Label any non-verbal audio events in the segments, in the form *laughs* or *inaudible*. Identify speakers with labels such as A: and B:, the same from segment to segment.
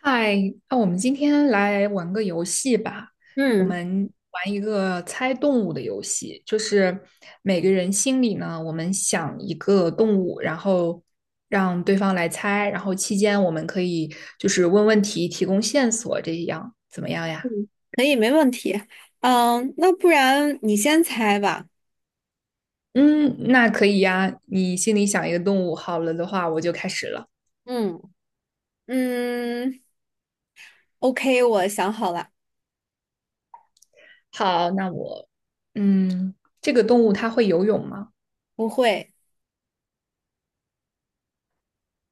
A: 嗨，那我们今天来玩个游戏吧。我
B: 嗯
A: 们玩一个猜动物的游戏，就是每个人心里呢，我们想一个动物，然后让对方来猜，然后期间我们可以就是问问题，提供线索，这样怎么样呀？
B: 嗯，可以，没问题。嗯，那不然你先猜吧。
A: 嗯，那可以呀。你心里想一个动物，好了的话，我就开始了。
B: 嗯，嗯，OK，我想好了。
A: 好，那我，嗯，这个动物它会游泳吗？
B: 不会。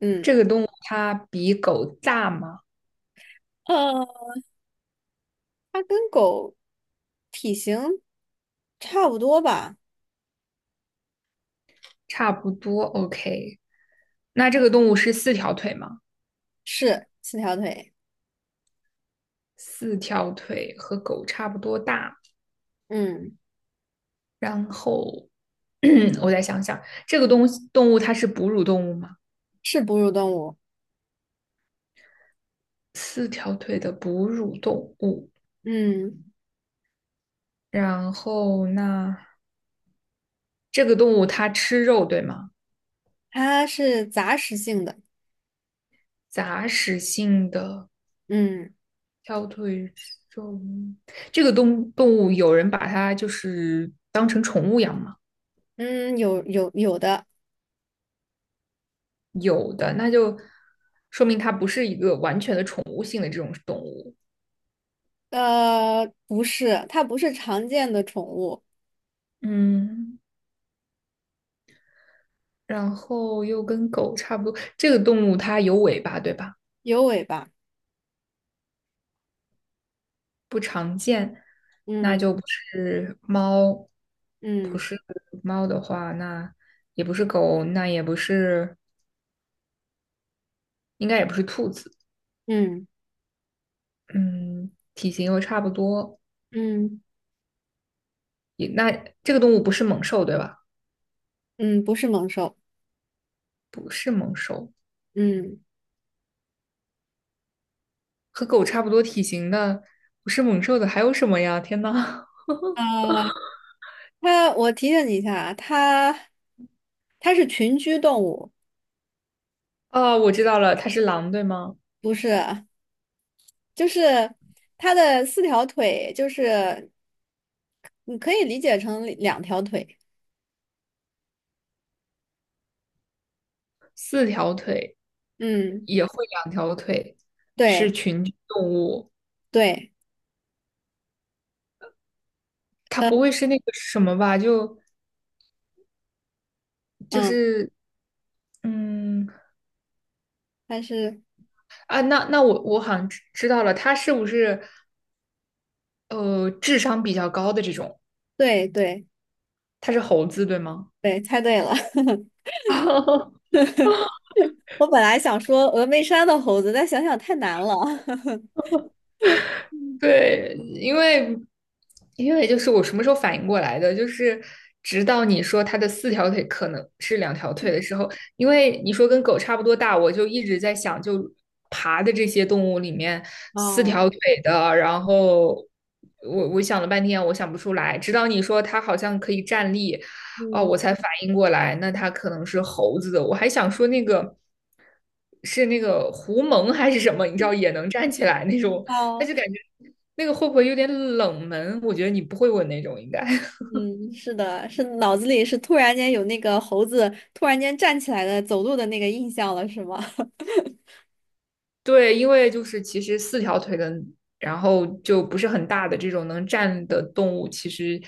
B: 嗯，
A: 这个动物它比狗大吗？
B: 呃，它跟狗体型差不多吧？
A: 差不多，OK。那这个动物是四条腿吗？
B: 是四条腿。
A: 四条腿和狗差不多大。
B: 嗯，
A: 然后 *clears throat* 我再想想，这个动物它是哺乳动物吗？
B: 是哺乳动物。
A: 四条腿的哺乳动物。
B: 嗯，
A: 然后那这个动物它吃肉，对吗？
B: 它是杂食性的。
A: 杂食性的
B: 嗯
A: 条腿肉，这个动物有人把它就是当成宠物养吗？
B: 嗯，有的。
A: 有的，那就说明它不是一个完全的宠物性的这种动物。
B: 呃，不是，它不是常见的宠物。
A: 嗯，然后又跟狗差不多，这个动物它有尾巴，对吧？
B: 有尾巴。
A: 那
B: 嗯
A: 就不是猫，不
B: 嗯
A: 是猫的话，那也不是狗，那也不是，应该也不是兔子。
B: 嗯
A: 嗯，体型又差不多，
B: 嗯。
A: 也那这个动物不是猛兽，对吧？
B: 嗯，不是猛兽。
A: 不是猛兽，
B: 嗯，
A: 和狗差不多体型的，不是猛兽的还有什么呀？天呐！
B: 呃，它，我提醒你一下啊它是群居动物。
A: 哦，我知道了，它是狼，对吗？
B: 不是，就是它的四条腿，就是你可以理解成两条腿。
A: 四条腿
B: 嗯，
A: 也会两条腿，是
B: 对
A: 群居动物。
B: 对。
A: 它
B: 呃
A: 不会是那个什么吧？就就
B: 嗯，
A: 是嗯
B: 它是。
A: 啊，那那我好像知道了，它是不是智商比较高的这种？
B: 对对
A: 它是猴子，对吗？
B: 对，猜对了。*laughs*
A: *laughs*
B: 我本来想说峨眉山的猴子，但想想太难了。*laughs*
A: 对，因为就是我什么时候反应过来的，就是直到你说它的四条腿可能是两条腿的时候，因为你说跟狗差不多大，我就一直在想，就爬的这些动物里面，四
B: 哦。
A: 条腿的，然后我想了半天，我想不出来，直到你说它好像可以站立，哦，
B: 嗯。
A: 我才反应过来，那它可能是猴子的，我还想说那个。是那个狐獴还是什么？你知道也能站起来那种，但
B: 哦。
A: 是感觉那个会不会有点冷门？我觉得你不会问那种，应该 *laughs*
B: 嗯，是的，是脑子里是突然间有那个猴子突然间站起来的走路的那个印象了，是吗？*laughs*
A: 对，因为就是其实四条腿的，然后就不是很大的这种能站的动物，其实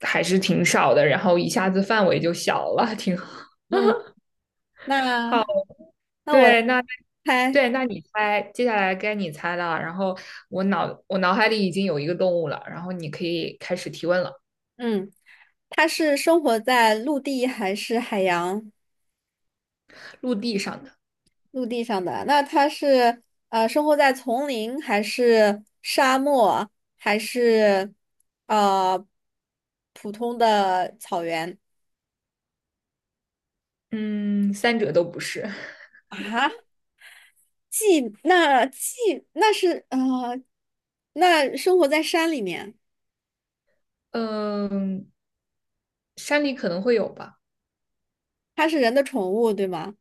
A: 还是挺少的，然后一下子范围就小了，挺好。
B: 嗯，
A: 好，
B: 那那我来
A: 对，那
B: 猜。
A: 对，那你猜，接下来该你猜了。然后我脑海里已经有一个动物了，然后你可以开始提问了。
B: 嗯，它是生活在陆地还是海洋？
A: 陆地上的，
B: 陆地上的，那它是生活在丛林还是沙漠还是呃普通的草原
A: 嗯，三者都不是，
B: 啊？既那既那是呃，那生活在山里面。
A: *laughs* 嗯，山里可能会有吧。
B: 它是人的宠物，对吗？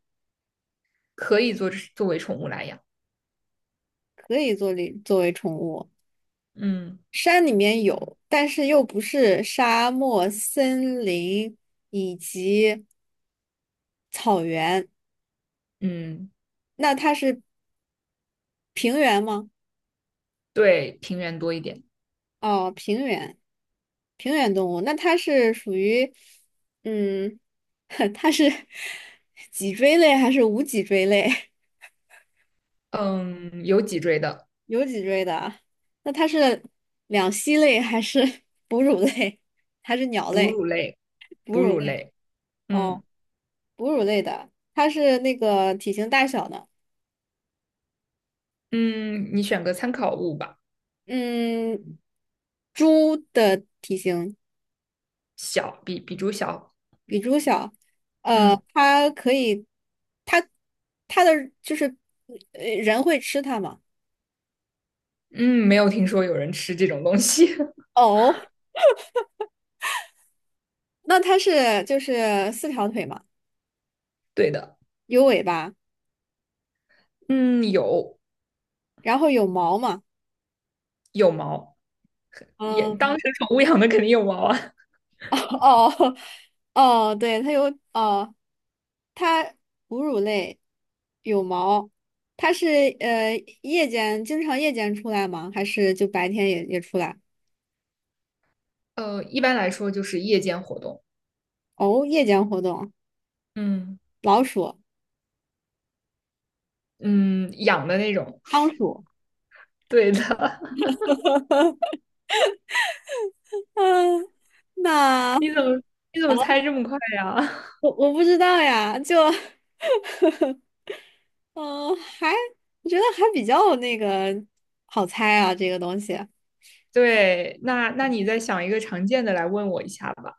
A: 可以作为宠物来养。
B: 可以做为作为宠物。
A: 嗯
B: 山里面有，但是又不是沙漠、森林以及草原。
A: 嗯，
B: 那它是平原吗？
A: 对，平原多一点。
B: 哦，平原，平原动物。那它是属于，嗯，*laughs* 它是脊椎类还是无脊椎类？
A: 嗯，有脊椎的，
B: *laughs* 有脊椎的啊。那它是两栖类还是哺乳类？*laughs* 还是鸟
A: 哺
B: 类？
A: 乳类，
B: 哺
A: 哺
B: 乳
A: 乳
B: 类。
A: 类。
B: 哦。
A: 嗯
B: 哺乳类的，它是那个体型大小的。
A: 嗯，你选个参考物吧，
B: 嗯，猪的体型。
A: 小，比猪小。
B: 比猪小，呃，
A: 嗯
B: 它可以。它它的就是呃人会吃它吗？
A: 嗯，没有听说有人吃这种东西。*laughs*
B: 哦，那它是就是四条腿嘛，
A: 对的，
B: 有尾巴，
A: 嗯，有
B: 然后有毛嘛。
A: 有毛，也当
B: 嗯、
A: 成宠物养的肯定有毛啊。
B: 哦。 *laughs* 哦，对，它有。哦，它哺乳类有毛。它是呃夜间经常出来吗？还是就白天也出来？
A: *laughs* 呃，一般来说就是夜间活动。
B: 哦，夜间活动。
A: 嗯
B: 老鼠、
A: 嗯，养的那种。
B: 仓鼠。
A: *laughs* 对的，
B: 嗯，
A: *laughs*
B: 那
A: 你怎么你怎么猜这么快呀？*laughs*
B: 我不知道呀，就嗯，我觉得还比较那个好猜啊，这个东西。
A: 对，那那你再想一个常见的来问我一下吧，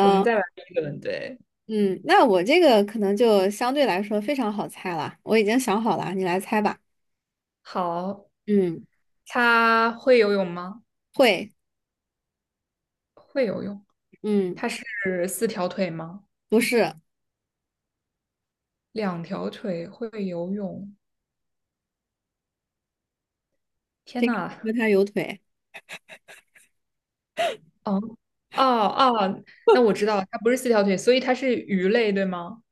A: 我们再来一轮。对，
B: 嗯，那我这个可能就相对来说非常好猜了，我已经想好了，你来猜吧。
A: 好，
B: 嗯，
A: 它会游泳吗？
B: 会。
A: 会游泳。
B: 嗯，
A: 它是四条腿吗？
B: 不是，
A: 两条腿会游泳。天
B: 这个
A: 呐，
B: 和它有腿。
A: 哦哦，那我知道它不是四条腿，所以它是鱼类，对吗？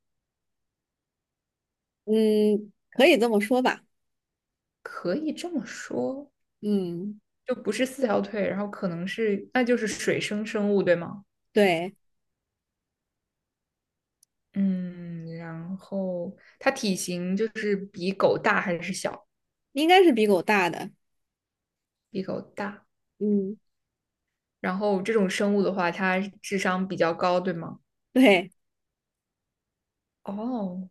B: 嗯，可以这么说吧。
A: 可以这么说，
B: 嗯，
A: 就不是四条腿，然后可能是，那就是水生生物，对吗？
B: 对，
A: 嗯，然后它体型就是比狗大还是小？
B: 应该是比狗大的。
A: 比狗大。
B: 嗯，
A: 然后这种生物的话，它智商比较高，对吗？
B: 对。
A: 哦，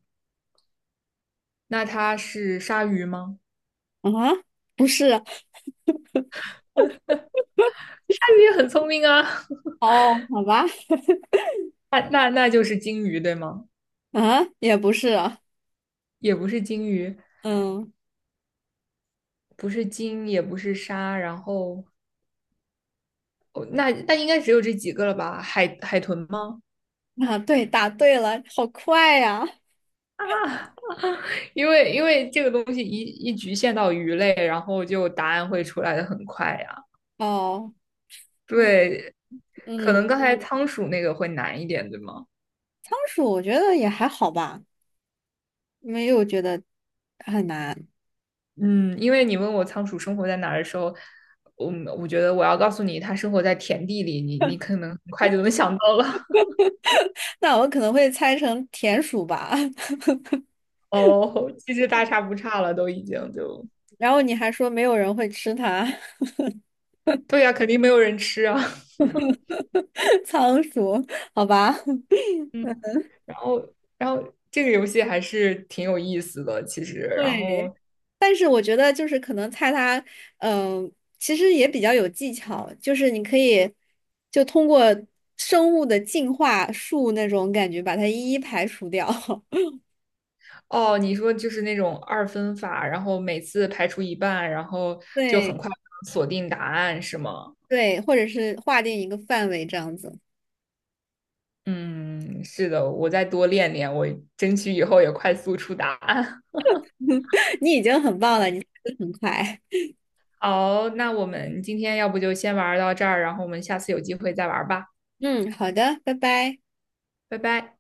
A: 那它是鲨鱼吗？
B: 啊，不是。
A: 鲨鱼也很聪明啊。
B: 哦，好吧。
A: *laughs* 那就是鲸鱼，对吗？
B: 啊，也不是啊。
A: 也不是鲸鱼，
B: 嗯。
A: 不是鲸，也不是鲨。然后哦，那那应该只有这几个了吧？海豚吗？
B: 啊，对，答对了，好快呀。
A: 啊，*laughs* 因为这个东西局限到鱼类，然后就答案会出来的很快呀。
B: 哦。嗯
A: 对，可
B: 嗯。
A: 能刚才仓鼠那个会难一点，对吗？
B: 仓鼠我觉得也还好吧，没有觉得。
A: 嗯，因为你问我仓鼠生活在哪儿的时候，我我觉得我要告诉你，它生活在田地里，你可能很快就能想到了。*laughs*
B: *laughs* 那我可能会猜成田鼠吧。
A: 哦，其实大差不差了，都已经就，
B: *laughs* 然后你还说没有人会吃它。
A: 对呀，肯定没有人吃啊。*laughs*
B: *laughs* 仓鼠，好吧。
A: 嗯，然后这个游戏还是挺有意思的，其实。然
B: 对，
A: 后
B: 但是我觉得就是可能菜它，嗯、其实也比较有技巧，就是你可以就通过生物的进化树那种感觉把它一一排除掉。*laughs*
A: 哦，你说就是那种二分法，然后每次排除一半，然后就
B: 对
A: 很快锁定答案，是吗？
B: 对，或者是划定一个范围这样子。
A: 嗯，是的，我再多练练，我争取以后也快速出答案。
B: *laughs* 你已经很棒了，你速度很快。
A: 好，那我们今天要不就先玩到这儿，然后我们下次有机会再玩吧，
B: *laughs* 嗯，好的，拜拜。
A: 拜拜。